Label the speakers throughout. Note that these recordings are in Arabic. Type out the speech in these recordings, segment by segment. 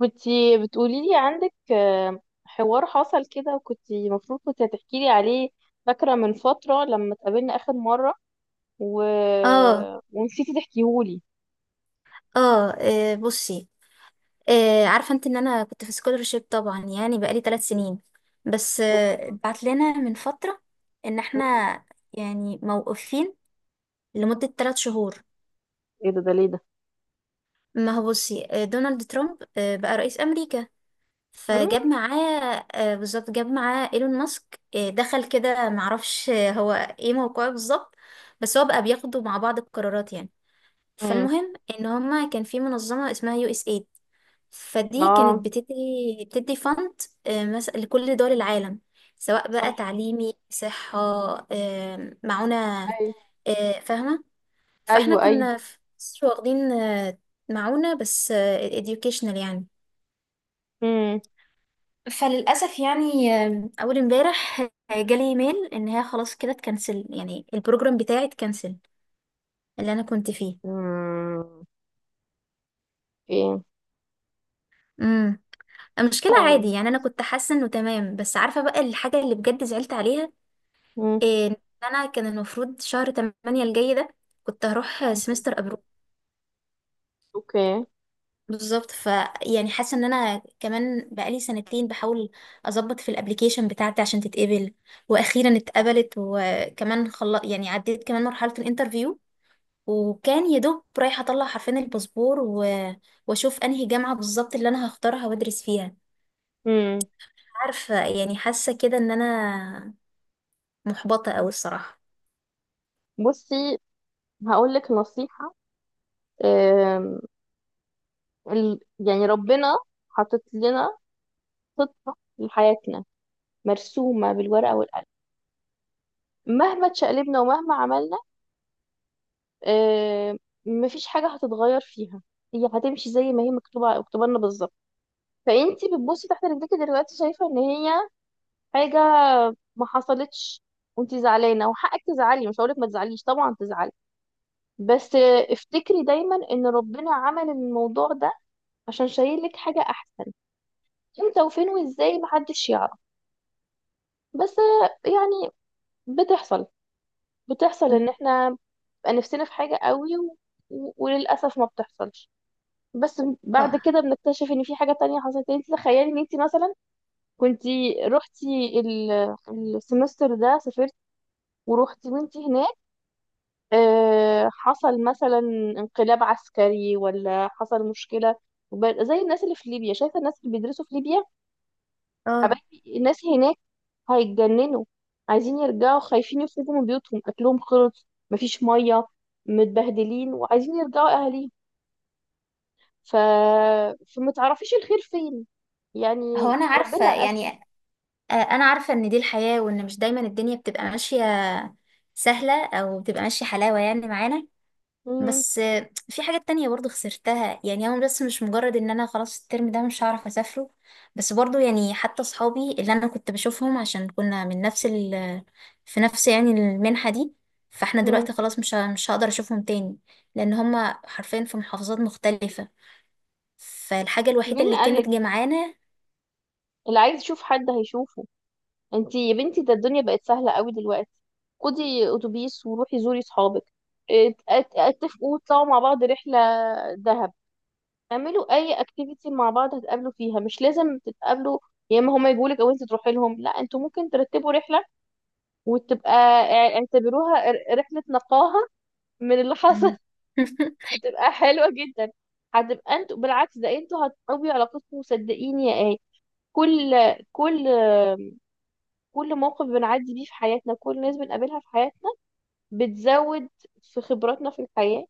Speaker 1: كنتي بتقولي لي عندك حوار حصل كده، وكنتي المفروض كنت هتحكي لي عليه. فاكرة من فترة لما اتقابلنا آخر مرة و...
Speaker 2: اه
Speaker 1: ونسيتي تحكيهولي.
Speaker 2: اه آه، بصي عارفه انت ان انا كنت في سكولرشيب، طبعا يعني بقالي ثلاث سنين. بس
Speaker 1: اوكي.
Speaker 2: بعت لنا من فتره ان احنا يعني موقوفين لمده ثلاث شهور.
Speaker 1: ايه ده؟ ليه ده؟
Speaker 2: ما هو بصي، دونالد ترامب بقى رئيس امريكا، فجاب معاه، بالظبط، جاب معاه ايلون ماسك، دخل كده، معرفش، هو ايه موقعه بالظبط، بس هو بقى بياخدوا مع بعض القرارات يعني.
Speaker 1: امم.
Speaker 2: فالمهم ان هما كان في منظمه اسمها يو اس إيه. فدي
Speaker 1: اه.
Speaker 2: كانت بتدي فند مثلا لكل دول العالم، سواء بقى
Speaker 1: صح.
Speaker 2: تعليمي، صحة، معونة،
Speaker 1: ايوه،
Speaker 2: فاهمة. فاحنا
Speaker 1: ايوه، ايوه.
Speaker 2: كنا في مصر واخدين معونة، بس educational يعني.
Speaker 1: امم.
Speaker 2: فللأسف يعني، أول امبارح جالي ايميل إن هي خلاص كده اتكنسل، يعني البروجرام بتاعي اتكنسل اللي أنا كنت فيه.
Speaker 1: امم. ايه.
Speaker 2: امم. المشكلة عادي
Speaker 1: طيب.
Speaker 2: يعني، أنا كنت حاسة إنه تمام، بس عارفة بقى الحاجة اللي بجد زعلت عليها
Speaker 1: امم.
Speaker 2: إيه. إن انا كان المفروض شهر 8 الجاي ده كنت هروح
Speaker 1: اوكي.
Speaker 2: سمستر ابرو
Speaker 1: اوكي.
Speaker 2: بالظبط. ف يعني حاسه ان انا كمان بقالي سنتين بحاول اظبط في الابليكيشن بتاعتي عشان تتقبل، واخيرا اتقبلت، وكمان يعني عديت كمان مرحله الانترفيو، وكان يا دوب رايحه اطلع حرفين الباسبور واشوف انهي جامعه بالظبط اللي انا هختارها وادرس فيها.
Speaker 1: امم.
Speaker 2: عارفه، يعني حاسه كده ان انا محبطه قوي الصراحه.
Speaker 1: بصي، هقول لك نصيحة. آم، يعني ربنا حاطط لنا خطة لحياتنا مرسومة بالورقة والقلم، مهما تشقلبنا ومهما عملنا آه، مفيش حاجة هتتغير فيها. هي هتمشي زي ما هي مكتوبة، مكتوبة لنا بالظبط. فانتي بتبصي تحت رجلك دلوقتي، شايفة ان هي حاجة ما حصلتش، وانتي زعلانة وحقك تزعلي. مش هقولك ما تزعليش، طبعا تزعلي. بس افتكري دايما ان ربنا عمل الموضوع ده عشان شايل لك حاجة احسن. امتى وفين وازاي محدش يعرف. بس يعني بتحصل بتحصل ان احنا بقى نفسنا في حاجة قوي، و- وللأسف ما بتحصلش. بس بعد
Speaker 2: اه
Speaker 1: كده بنكتشف ان في حاجة تانية حصلت. يعني انت تخيلي ان انت مثلا كنتي رحتي ال- السمستر ده، سافرت ورحتي وانت هناك، حصل مثلا انقلاب عسكري، ولا حصل مشكلة، زي الناس اللي في ليبيا. شايفة الناس اللي بيدرسوا في ليبيا،
Speaker 2: آه.
Speaker 1: حبايبي الناس هناك هيتجننوا، عايزين يرجعوا، خايفين يخرجوا من بيوتهم، اكلهم خلص، مفيش مية، متبهدلين وعايزين يرجعوا اهاليهم. ف... فما تعرفيش الخير فين.
Speaker 2: هو
Speaker 1: يعني
Speaker 2: انا عارفه
Speaker 1: ربنا أكل.
Speaker 2: يعني، انا عارفة ان دي الحياة، وان مش دايما الدنيا بتبقى ماشية سهلة او بتبقى ماشية حلاوة يعني معانا.
Speaker 1: مم.
Speaker 2: بس في حاجات تانية برضو خسرتها يعني. هو بس مش مجرد ان انا خلاص الترم ده مش هعرف اسافره، بس برضو يعني حتى صحابي اللي انا كنت بشوفهم، عشان كنا من نفس في نفس يعني المنحة دي، فاحنا
Speaker 1: مم.
Speaker 2: دلوقتي خلاص مش هقدر اشوفهم تاني، لان هما حرفيا في محافظات مختلفة، فالحاجة الوحيدة
Speaker 1: مين
Speaker 2: اللي كانت
Speaker 1: قالك؟
Speaker 2: جمعانا.
Speaker 1: اللي عايز يشوف حد هيشوفه. انتي يا بنتي ده الدنيا بقت سهلة قوي دلوقتي. خدي اتوبيس وروحي زوري صحابك. اتفقوا تطلعوا مع بعض رحلة دهب. اعملوا اي اكتيفيتي مع بعض هتقابلوا فيها، مش لازم تتقابلوا يا اما هما يجولك او انت تروحي لهم. لا، انتوا ممكن ترتبوا رحلة، وتبقى اعتبروها رحلة نقاهة من اللي حصل. هتبقى حلوة جدا. هتبقى انتوا بالعكس، ده انتوا هتقوي علاقتكم. وصدقيني يا ايه، كل، كل، كل موقف بنعدي بيه في حياتنا، كل ناس بنقابلها في حياتنا بتزود في خبراتنا في الحياة،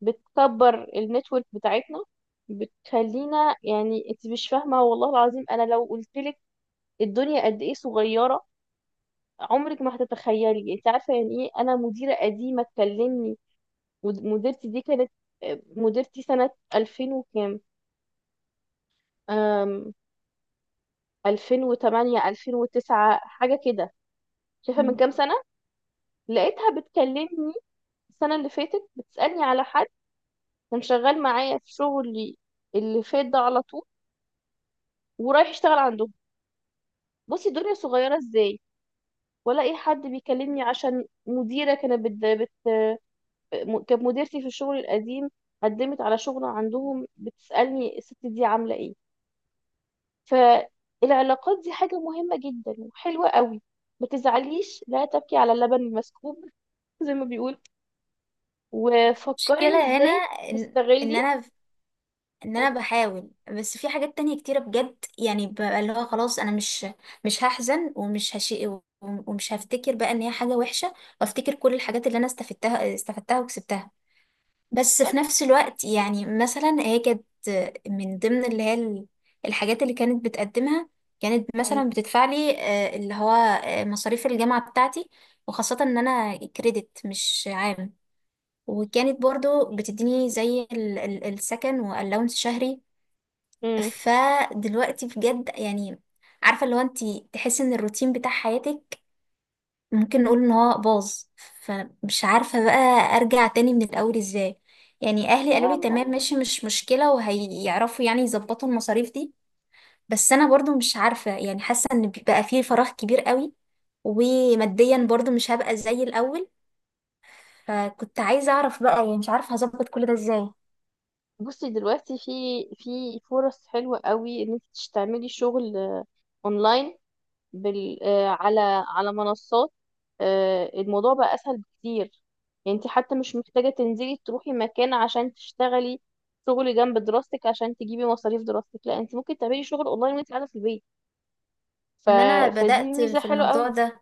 Speaker 1: بتكبر النتورك بتاعتنا، بتخلينا يعني. انت مش فاهمة، والله العظيم انا لو قلتلك الدنيا قد ايه صغيرة عمرك ما هتتخيلي. انت عارفة يعني ايه انا مديرة قديمة تكلمني؟ مديرتي دي كانت مديرتي سنة 2000 وكام، 2008 2009 حاجة كده. شايفة من كام سنة؟ لقيتها بتكلمني السنة اللي فاتت، بتسألني على حد كان شغال معايا في شغلي اللي فات ده، على طول، ورايح يشتغل عندهم. بصي الدنيا صغيرة ازاي. ولا اي حد بيكلمني عشان مديرة كانت بت... بت... م- كانت مديرتي في الشغل القديم، قدمت على شغل عندهم، بتسألني الست دي عاملة ايه. فالعلاقات دي حاجة مهمة جدا وحلوة قوي. ما تزعليش، لا تبكي على اللبن المسكوب زي ما بيقول، وفكري
Speaker 2: المشكلة هنا
Speaker 1: ازاي
Speaker 2: ان ان
Speaker 1: تستغلي.
Speaker 2: انا ان انا بحاول، بس في حاجات تانية كتيرة بجد يعني، ببقى اللي هو خلاص انا مش هحزن ومش هشي ومش هفتكر بقى ان هي حاجة وحشة، وافتكر كل الحاجات اللي انا استفدتها وكسبتها. بس في
Speaker 1: بالظبط.
Speaker 2: نفس الوقت يعني، مثلا هي كانت من ضمن اللي هي الحاجات اللي كانت بتقدمها، كانت
Speaker 1: مم.
Speaker 2: مثلا بتدفع لي، آه، اللي هو آه، مصاريف الجامعة بتاعتي، وخاصة ان انا كريدت مش عام، وكانت برضو بتديني زي السكن والاونس شهري.
Speaker 1: مم.
Speaker 2: فدلوقتي بجد يعني، عارفة اللي هو انت تحسي ان الروتين بتاع حياتك ممكن نقول ان هو باظ، فمش عارفة بقى ارجع تاني من الاول ازاي. يعني اهلي
Speaker 1: هي
Speaker 2: قالوا لي تمام
Speaker 1: م-
Speaker 2: ماشي مش مشكلة، وهيعرفوا يعني يظبطوا المصاريف دي، بس انا برضو مش عارفة يعني، حاسة ان بقى فيه فراغ كبير قوي، وماديا برضو مش هبقى زي الاول. فكنت عايزة اعرف بقى يعني، مش عارفة هظبط كل ده ازاي.
Speaker 1: بصي دلوقتي في فرص حلوة قوي ان انت تعملي شغل اونلاين، بال آه، على منصات. الموضوع بقى اسهل بكتير. يعني انت حتى مش محتاجة تنزلي تروحي مكان عشان تشتغلي شغل جنب دراستك عشان تجيبي مصاريف دراستك. لا، انت ممكن تعملي شغل اونلاين وانت قاعدة في البيت. ف...
Speaker 2: ما انا
Speaker 1: فدي
Speaker 2: بدأت
Speaker 1: ميزة
Speaker 2: في
Speaker 1: حلوة
Speaker 2: الموضوع
Speaker 1: قوي.
Speaker 2: ده،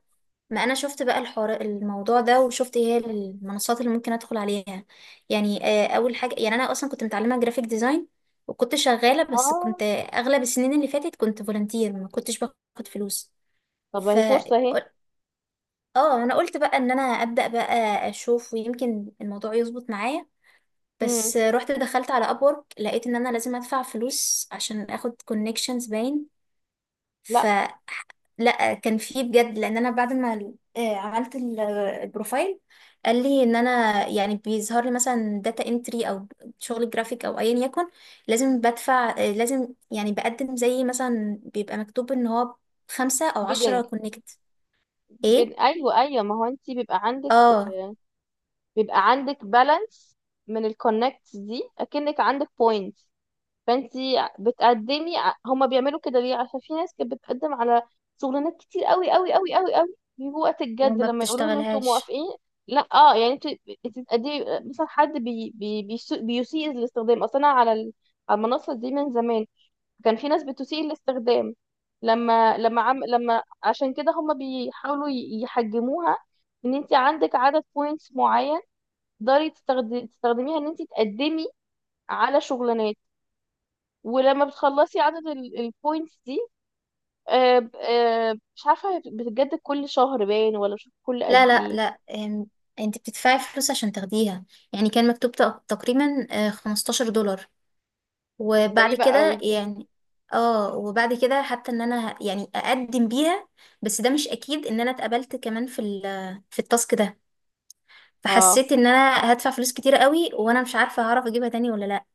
Speaker 2: ما انا شفت بقى الحوار الموضوع ده، وشفت ايه هي المنصات اللي ممكن ادخل عليها يعني. اول حاجة يعني انا اصلا كنت متعلمة جرافيك ديزاين، وكنت شغالة، بس كنت
Speaker 1: اه.
Speaker 2: اغلب السنين اللي فاتت كنت فولنتير، ما كنتش باخد فلوس.
Speaker 1: طب ما
Speaker 2: ف
Speaker 1: هي فرصة اهي.
Speaker 2: اه انا قلت بقى ان انا ابدأ بقى اشوف، ويمكن الموضوع يظبط معايا.
Speaker 1: مم.
Speaker 2: بس رحت دخلت على ابورك، لقيت ان انا لازم ادفع فلوس عشان اخد كونكشنز باين. ف
Speaker 1: لا.
Speaker 2: لا كان في بجد، لان انا بعد ما عملت البروفايل، قال لي ان انا يعني بيظهر لي مثلا داتا انتري، او شغل جرافيك، او ايا يكن، لازم بدفع، لازم يعني بقدم، زي مثلا بيبقى مكتوب ان هو خمسة او عشرة
Speaker 1: بيدنج،
Speaker 2: كونكت. ايه.
Speaker 1: ايوه، ايوه. ما هو انت بيبقى عندك
Speaker 2: اه.
Speaker 1: بيبقى عندك بالانس من الكونكتس دي، اكنك عندك بوينت. فانت بتقدمي هما بيعملوا كده ليه؟ عشان في ناس كانت بتقدم على شغلانات كتير قوي قوي قوي قوي قوي، بيجوا وقت الجد
Speaker 2: وما
Speaker 1: لما يقولوا لهم انتوا
Speaker 2: بتشتغلهاش.
Speaker 1: موافقين، لا. اه يعني انت بتقدمي مثلا حد بيسيء الاستخدام. اصلا أنا على على المنصه دي من زمان، كان في ناس بتسيء الاستخدام. لما عشان كده هم بيحاولوا يحجموها، ان انت عندك عدد بوينتس معين تقدري تستخدميها ان انت تقدمي على شغلانات. ولما بتخلصي عدد البوينتس دي، مش عارفه بتتجدد كل شهر باين ولا مش عارفة كل
Speaker 2: لا
Speaker 1: قد
Speaker 2: لا
Speaker 1: ايه.
Speaker 2: لا انت بتدفعي فلوس عشان تاخديها. يعني كان مكتوب تقريبا 15 دولار، وبعد
Speaker 1: غريبة قوي
Speaker 2: كده
Speaker 1: دي.
Speaker 2: يعني، اه وبعد كده حتى ان انا يعني اقدم بيها، بس ده مش اكيد ان انا اتقبلت كمان في في التاسك ده.
Speaker 1: اه،
Speaker 2: فحسيت ان انا هدفع فلوس كتير قوي، وانا مش عارفه هعرف اجيبها تاني ولا لا.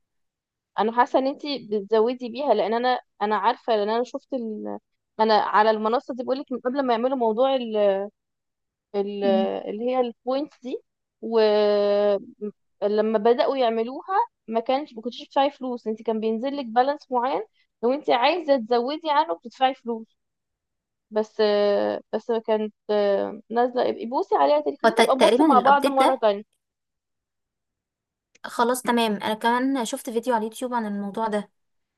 Speaker 1: انا حاسه ان انت بتزودي بيها، لان انا عارفه، لان انا شفت انا على المنصه دي بقولك من قبل ما يعملوا موضوع ال-
Speaker 2: مم.
Speaker 1: اللي هي البوينتس دي. ولما بدأوا يعملوها، ما كنتش بتدفعي فلوس، انت كان بينزل لك بالانس معين، لو انت عايزة تزودي عنه بتدفعي فلوس. بس بس كانت نازلة. ابقي بوسي عليها تاني، خلينا نبقى نبص
Speaker 2: تقريبا
Speaker 1: مع بعض
Speaker 2: الابديت
Speaker 1: مرة
Speaker 2: ده
Speaker 1: تانية.
Speaker 2: خلاص تمام. انا كمان شفت فيديو على اليوتيوب عن الموضوع ده،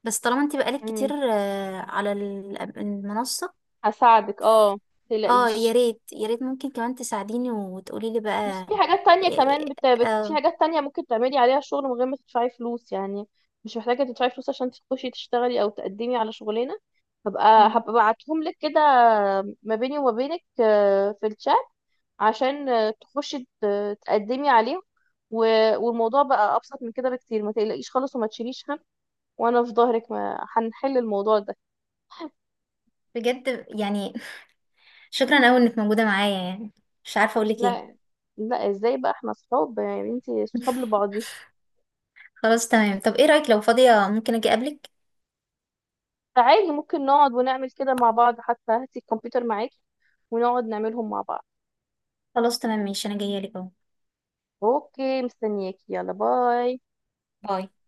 Speaker 2: بس طالما انت بقالك كتير
Speaker 1: مم.
Speaker 2: على المنصة.
Speaker 1: هساعدك، اه،
Speaker 2: اه يا
Speaker 1: متقلقيش.
Speaker 2: ريت يا ريت، ممكن كمان تساعديني وتقولي لي
Speaker 1: بس
Speaker 2: بقى.
Speaker 1: في حاجات تانية كمان
Speaker 2: إيه-
Speaker 1: في
Speaker 2: اه.
Speaker 1: حاجات تانية ممكن تعملي عليها شغل من غير ما تدفعي فلوس يعني. مش محتاجة تدفعي فلوس عشان تخشي تشتغلي أو تقدمي على شغلانة. هبقى
Speaker 2: مم.
Speaker 1: هبقى ابعتهم لك كده، ما بيني وما بينك في الشات، عشان تخشي تقدمي عليهم. والموضوع بقى أبسط من كده بكتير. ما تقلقيش خالص وما تشيليش هم، وأنا في ظهرك. ما هنحل الموضوع ده.
Speaker 2: بجد يعني شكرا قوي انك موجودة معايا يعني، مش عارفة اقولك ايه.
Speaker 1: لا، لا، ازاي؟ بقى احنا صحاب يعني، انتي صحاب لبعض.
Speaker 2: خلاص تمام، طب ايه رأيك لو فاضية ممكن اجي اقابلك.
Speaker 1: فعادي ممكن نقعد ونعمل كده مع بعض، حتى هاتي الكمبيوتر معاكي ونقعد نعملهم مع بعض.
Speaker 2: خلاص تمام، ماشي، انا جاية لك اهو.
Speaker 1: اوكي، مستنياكي. يلا، باي.
Speaker 2: باي.